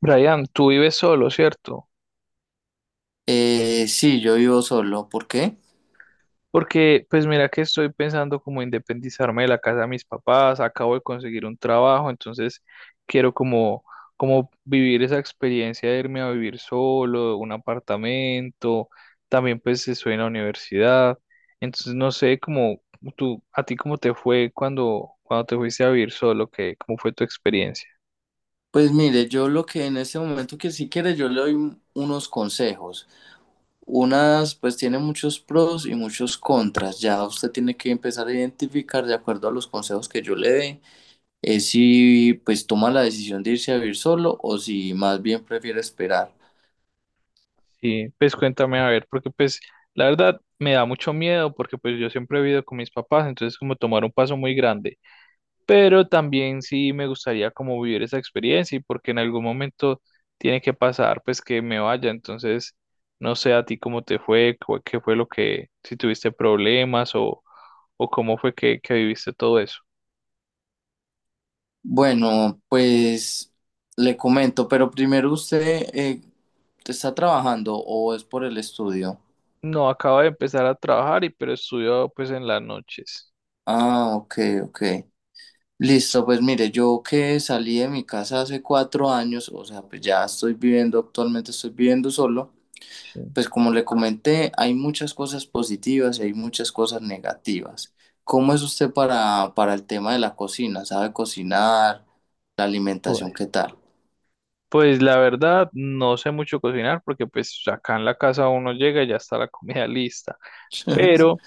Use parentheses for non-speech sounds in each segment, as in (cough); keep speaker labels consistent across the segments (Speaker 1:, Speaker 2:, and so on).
Speaker 1: Brian, tú vives solo, ¿cierto?
Speaker 2: Sí, yo vivo solo. ¿Por qué?
Speaker 1: Porque, pues mira que estoy pensando como independizarme de la casa de mis papás, acabo de conseguir un trabajo, entonces quiero como vivir esa experiencia de irme a vivir solo, un apartamento, también pues estoy en la universidad, entonces no sé a ti cómo te fue cuando te fuiste a vivir solo, cómo fue tu experiencia.
Speaker 2: Pues mire, yo lo que en este momento que si quiere, yo le doy unos consejos. Unas, pues tiene muchos pros y muchos contras. Ya usted tiene que empezar a identificar de acuerdo a los consejos que yo le dé, si pues toma la decisión de irse a vivir solo o si más bien prefiere esperar.
Speaker 1: Sí, pues cuéntame a ver, porque pues la verdad me da mucho miedo porque pues yo siempre he vivido con mis papás, entonces como tomar un paso muy grande, pero también sí me gustaría como vivir esa experiencia y porque en algún momento tiene que pasar pues que me vaya, entonces no sé a ti cómo te fue, cu- qué fue lo que, si tuviste problemas o cómo fue que viviste todo eso.
Speaker 2: Bueno, pues le comento, pero primero usted está trabajando o es por el estudio.
Speaker 1: No, acabo de empezar a trabajar y pero estudio pues en las noches.
Speaker 2: Ah, ok, ok. Listo, pues mire, yo que salí de mi casa hace 4 años, o sea, pues ya estoy viviendo, actualmente estoy viviendo solo,
Speaker 1: Sí.
Speaker 2: pues como le comenté, hay muchas cosas positivas y hay muchas cosas negativas. ¿Cómo es usted para el tema de la cocina? ¿Sabe cocinar? ¿La alimentación qué tal?
Speaker 1: Pues la verdad, no sé mucho cocinar porque pues acá en la casa uno llega y ya está la comida (laughs) lista.
Speaker 2: (laughs)
Speaker 1: Pero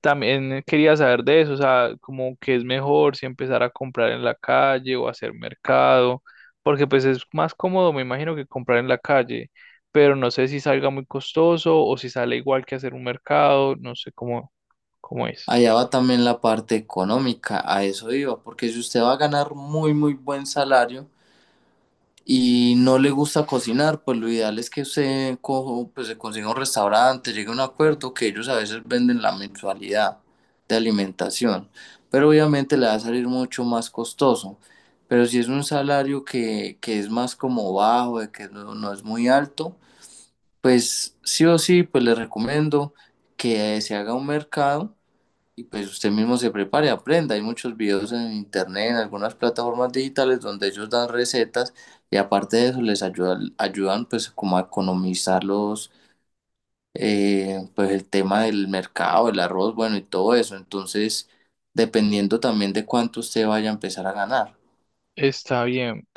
Speaker 1: también quería saber de eso, o sea, como que es mejor si empezar a comprar en la calle o hacer mercado, porque pues es más cómodo, me imagino, que comprar en la calle, pero no sé si salga muy costoso o si sale igual que hacer un mercado, no sé cómo, cómo es.
Speaker 2: Allá va también la parte económica, a eso iba, porque si usted va a ganar muy, muy buen salario, y no le gusta cocinar, pues lo ideal es que usted cojo, pues se consiga un restaurante, llegue a un acuerdo que ellos a veces venden la mensualidad de alimentación, pero obviamente le va a salir mucho más costoso. Pero si es un salario que es más como bajo, de que no, no es muy alto, pues sí o sí, pues le recomiendo que se haga un mercado y pues usted mismo se prepare, aprenda. Hay muchos videos en internet, en algunas plataformas digitales donde ellos dan recetas y aparte de eso les ayuda, ayudan pues como a economizar los, pues el tema del mercado, el arroz, bueno y todo eso. Entonces, dependiendo también de cuánto usted vaya a empezar a ganar.
Speaker 1: Está bien.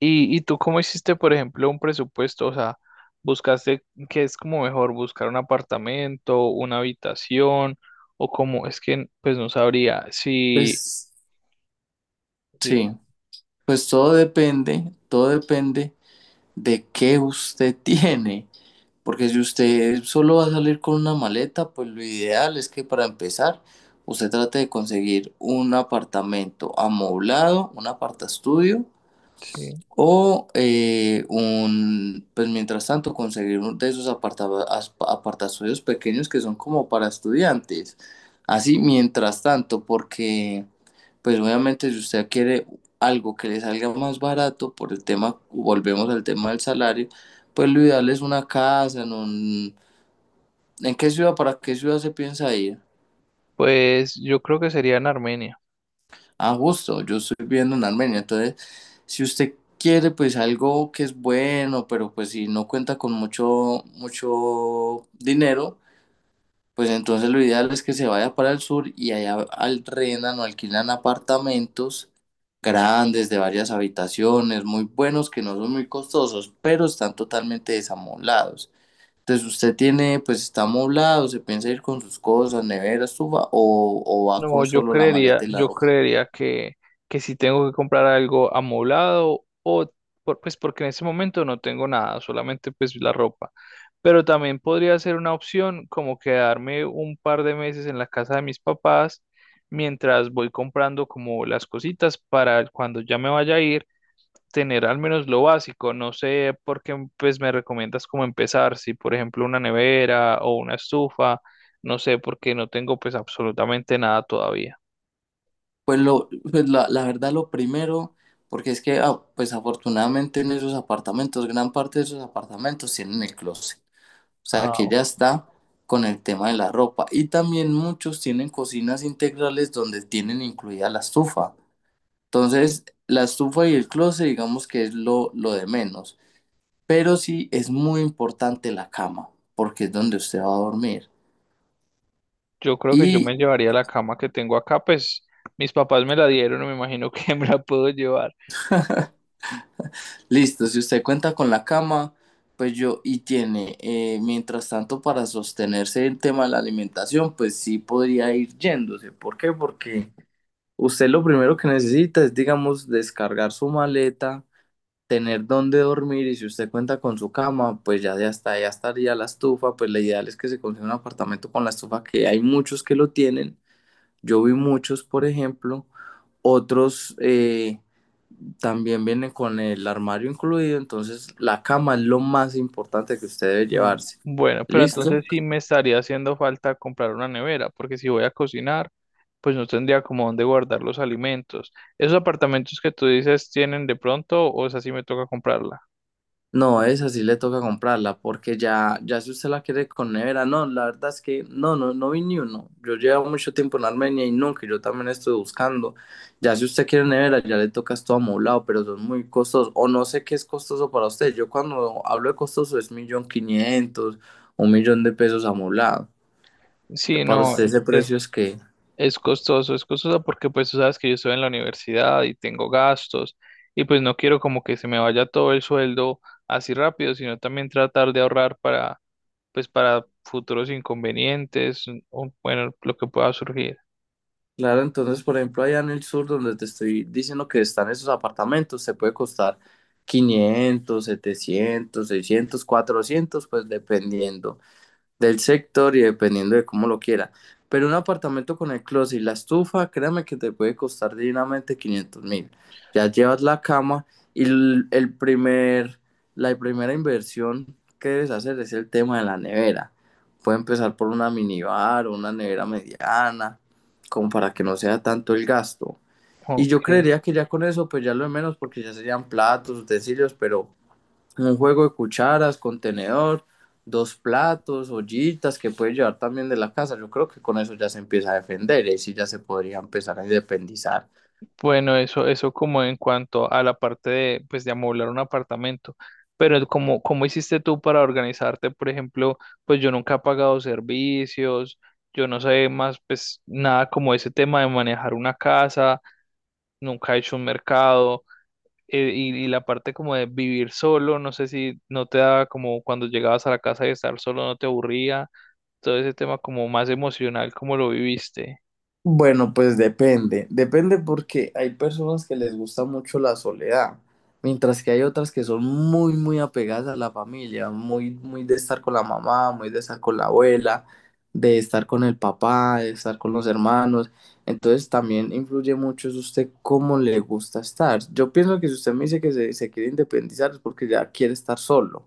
Speaker 1: Y tú cómo hiciste, por ejemplo, un presupuesto? O sea, ¿buscaste qué es como mejor buscar un apartamento, una habitación o como es que pues no sabría si
Speaker 2: Pues
Speaker 1: dime,
Speaker 2: sí, pues todo depende de qué usted (laughs) tiene. Porque si usted solo va a salir con una maleta, pues lo ideal es que para empezar, usted trate de conseguir un apartamento amoblado, un apartaestudio,
Speaker 1: sí?
Speaker 2: o un, pues mientras tanto, conseguir uno de esos apartazuelos pequeños que son como para estudiantes. Así, mientras tanto, porque pues obviamente si usted quiere algo que le salga más barato por el tema, volvemos al tema del salario, pues lo ideal es una casa en un... ¿En qué ciudad, para qué ciudad se piensa ir?
Speaker 1: Pues yo creo que sería en Armenia.
Speaker 2: Ah, justo, yo estoy viviendo en Armenia, entonces si usted quiere pues algo que es bueno, pero pues si no cuenta con mucho, mucho dinero, pues entonces lo ideal es que se vaya para el sur y allá alquilan o alquilan apartamentos grandes de varias habitaciones, muy buenos que no son muy costosos, pero están totalmente desamoblados. Entonces usted tiene, pues está amoblado, se piensa ir con sus cosas, nevera, estufa, o va
Speaker 1: No,
Speaker 2: con solo la maleta y la
Speaker 1: yo
Speaker 2: ropa.
Speaker 1: creería que si tengo que comprar algo amoblado o pues porque en ese momento no tengo nada, solamente pues la ropa. Pero también podría ser una opción como quedarme un par de meses en la casa de mis papás mientras voy comprando como las cositas para cuando ya me vaya a ir, tener al menos lo básico. No sé por qué pues, me recomiendas cómo empezar, si por ejemplo una nevera o una estufa, no sé porque no tengo pues absolutamente nada todavía.
Speaker 2: Pues, lo, pues la verdad lo primero, porque es que ah, pues afortunadamente en esos apartamentos, gran parte de esos apartamentos tienen el closet, o sea que
Speaker 1: Ah,
Speaker 2: ya está con el tema de la ropa y también muchos tienen cocinas integrales donde tienen incluida la estufa. Entonces, la estufa y el closet digamos que es lo de menos, pero sí es muy importante la cama, porque es donde usted va a dormir.
Speaker 1: yo creo que yo
Speaker 2: y
Speaker 1: me llevaría la cama que tengo acá, pues mis papás me la dieron, me imagino que (laughs) me la puedo llevar.
Speaker 2: Listo, si usted cuenta con la cama, pues yo, y tiene, mientras tanto, para sostenerse el tema de la alimentación, pues sí podría ir yéndose. ¿Por qué? Porque usted lo primero que necesita es, digamos, descargar su maleta, tener dónde dormir, y si usted cuenta con su cama, pues ya, de hasta ya estaría la estufa, pues lo ideal es que se consiga un apartamento con la estufa, que hay muchos que lo tienen. Yo vi muchos, por ejemplo, otros... también viene con el armario incluido, entonces la cama es lo más importante que usted debe
Speaker 1: Mm,
Speaker 2: llevarse.
Speaker 1: bueno, pero
Speaker 2: ¿Listo?
Speaker 1: entonces sí me estaría haciendo falta comprar una nevera, porque si voy a cocinar, pues no tendría como dónde guardar los alimentos. ¿Esos apartamentos que tú dices tienen de pronto o esa sí me toca comprarla?
Speaker 2: No, esa sí le toca comprarla, porque ya, ya si usted la quiere con nevera, no, la verdad es que no, no, no vi ni uno. Yo llevo mucho tiempo en Armenia y nunca, y yo también estoy buscando. Ya si usted quiere nevera, ya le toca esto amoblado, pero son muy costosos, o no sé qué es costoso para usted. Yo cuando hablo de costoso es 1.500.000, $1.000.000 amoblado.
Speaker 1: Sí,
Speaker 2: Para
Speaker 1: no,
Speaker 2: usted
Speaker 1: es,
Speaker 2: ese
Speaker 1: es,
Speaker 2: precio es que...
Speaker 1: es costoso porque pues tú sabes que yo estoy en la universidad y tengo gastos y pues no quiero como que se me vaya todo el sueldo así rápido, sino también tratar de ahorrar para pues para futuros inconvenientes o bueno, lo que pueda surgir.
Speaker 2: Claro, entonces, por ejemplo, allá en el sur, donde te estoy diciendo que están esos apartamentos, se puede costar 500, 700, 600, 400, pues dependiendo del sector y dependiendo de cómo lo quiera. Pero un apartamento con el closet y la estufa, créame que te puede costar dignamente 500 mil. Ya llevas la cama y el primer, la primera inversión que debes hacer es el tema de la nevera. Puede empezar por una minibar o una nevera mediana, como para que no sea tanto el gasto. Y yo
Speaker 1: Ok.
Speaker 2: creería que ya con eso, pues ya lo de menos, porque ya serían platos, utensilios, pero un juego de cucharas, contenedor, dos platos, ollitas que puede llevar también de la casa. Yo creo que con eso ya se empieza a defender y ahí sí ya se podría empezar a independizar.
Speaker 1: Bueno, eso como en cuanto a la parte de, pues, de amoblar un apartamento. Pero ¿cómo, cómo hiciste tú para organizarte? Por ejemplo, pues yo nunca he pagado servicios, yo no sé más, pues nada como ese tema de manejar una casa, nunca he hecho un mercado, y la parte como de vivir solo, no sé si no te daba como cuando llegabas a la casa y estar solo no te aburría, todo ese tema como más emocional, ¿cómo lo viviste?
Speaker 2: Bueno, pues depende, depende porque hay personas que les gusta mucho la soledad, mientras que hay otras que son muy, muy apegadas a la familia, muy, muy de estar con la mamá, muy de estar con la abuela, de estar con el papá, de estar con los hermanos. Entonces también influye mucho es usted cómo le gusta estar. Yo pienso que si usted me dice que se quiere independizar es porque ya quiere estar solo.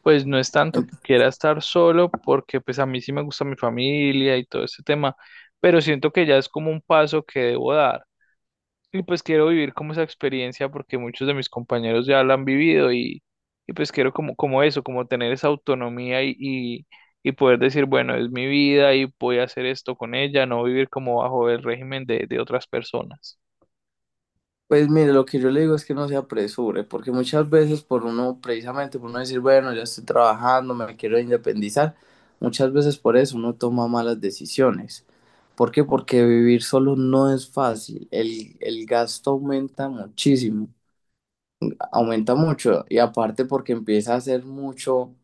Speaker 1: Pues no es tanto que quiera estar solo, porque pues a mí sí me gusta mi familia y todo ese tema, pero siento que ya es como un paso que debo dar. Y pues quiero vivir como esa experiencia porque muchos de mis compañeros ya la han vivido y pues quiero como eso, como tener esa autonomía y poder decir, bueno, es mi vida y voy a hacer esto con ella, no vivir como bajo el régimen de otras personas.
Speaker 2: Pues mire, lo que yo le digo es que no se apresure, porque muchas veces por uno, precisamente por uno decir, bueno, ya estoy trabajando, me quiero independizar, muchas veces por eso uno toma malas decisiones. ¿Por qué? Porque vivir solo no es fácil, el gasto aumenta muchísimo, aumenta mucho, y aparte porque empieza a ser mucho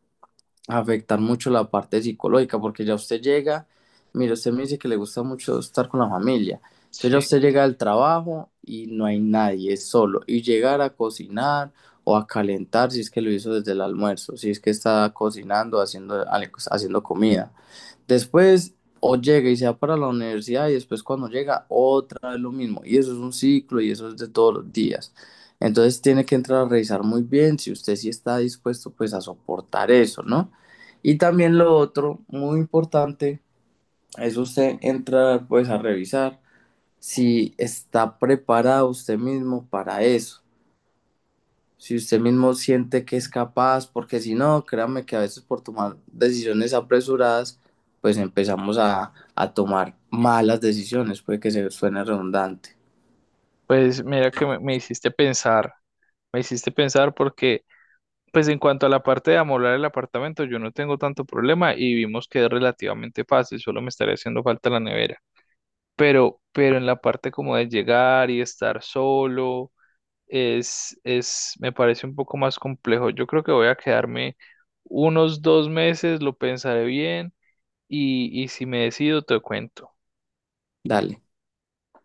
Speaker 2: afectar mucho la parte psicológica, porque ya usted llega, mire, usted me dice que le gusta mucho estar con la familia, entonces ya
Speaker 1: Sí,
Speaker 2: usted llega al trabajo y no hay nadie, es solo, y llegar a cocinar o a calentar si es que lo hizo desde el almuerzo, si es que está cocinando, haciendo, haciendo comida. Después o llega y se va para la universidad y después cuando llega otra vez lo mismo. Y eso es un ciclo y eso es de todos los días. Entonces tiene que entrar a revisar muy bien si usted sí está dispuesto pues a soportar eso, ¿no? Y también lo otro, muy importante, es usted entrar pues a revisar si está preparado usted mismo para eso si usted mismo siente que es capaz, porque si no, créame que a veces por tomar decisiones apresuradas, pues empezamos a tomar malas decisiones, puede que se suene redundante.
Speaker 1: pues mira que me hiciste pensar, me hiciste pensar porque... Pues en cuanto a la parte de amoblar el apartamento, yo no tengo tanto problema y vimos que es relativamente fácil, solo me estaría haciendo falta la nevera. Pero en la parte como de llegar y estar solo, me parece un poco más complejo. Yo creo que voy a quedarme unos 2 meses, lo pensaré bien y si me decido te cuento.
Speaker 2: Dale.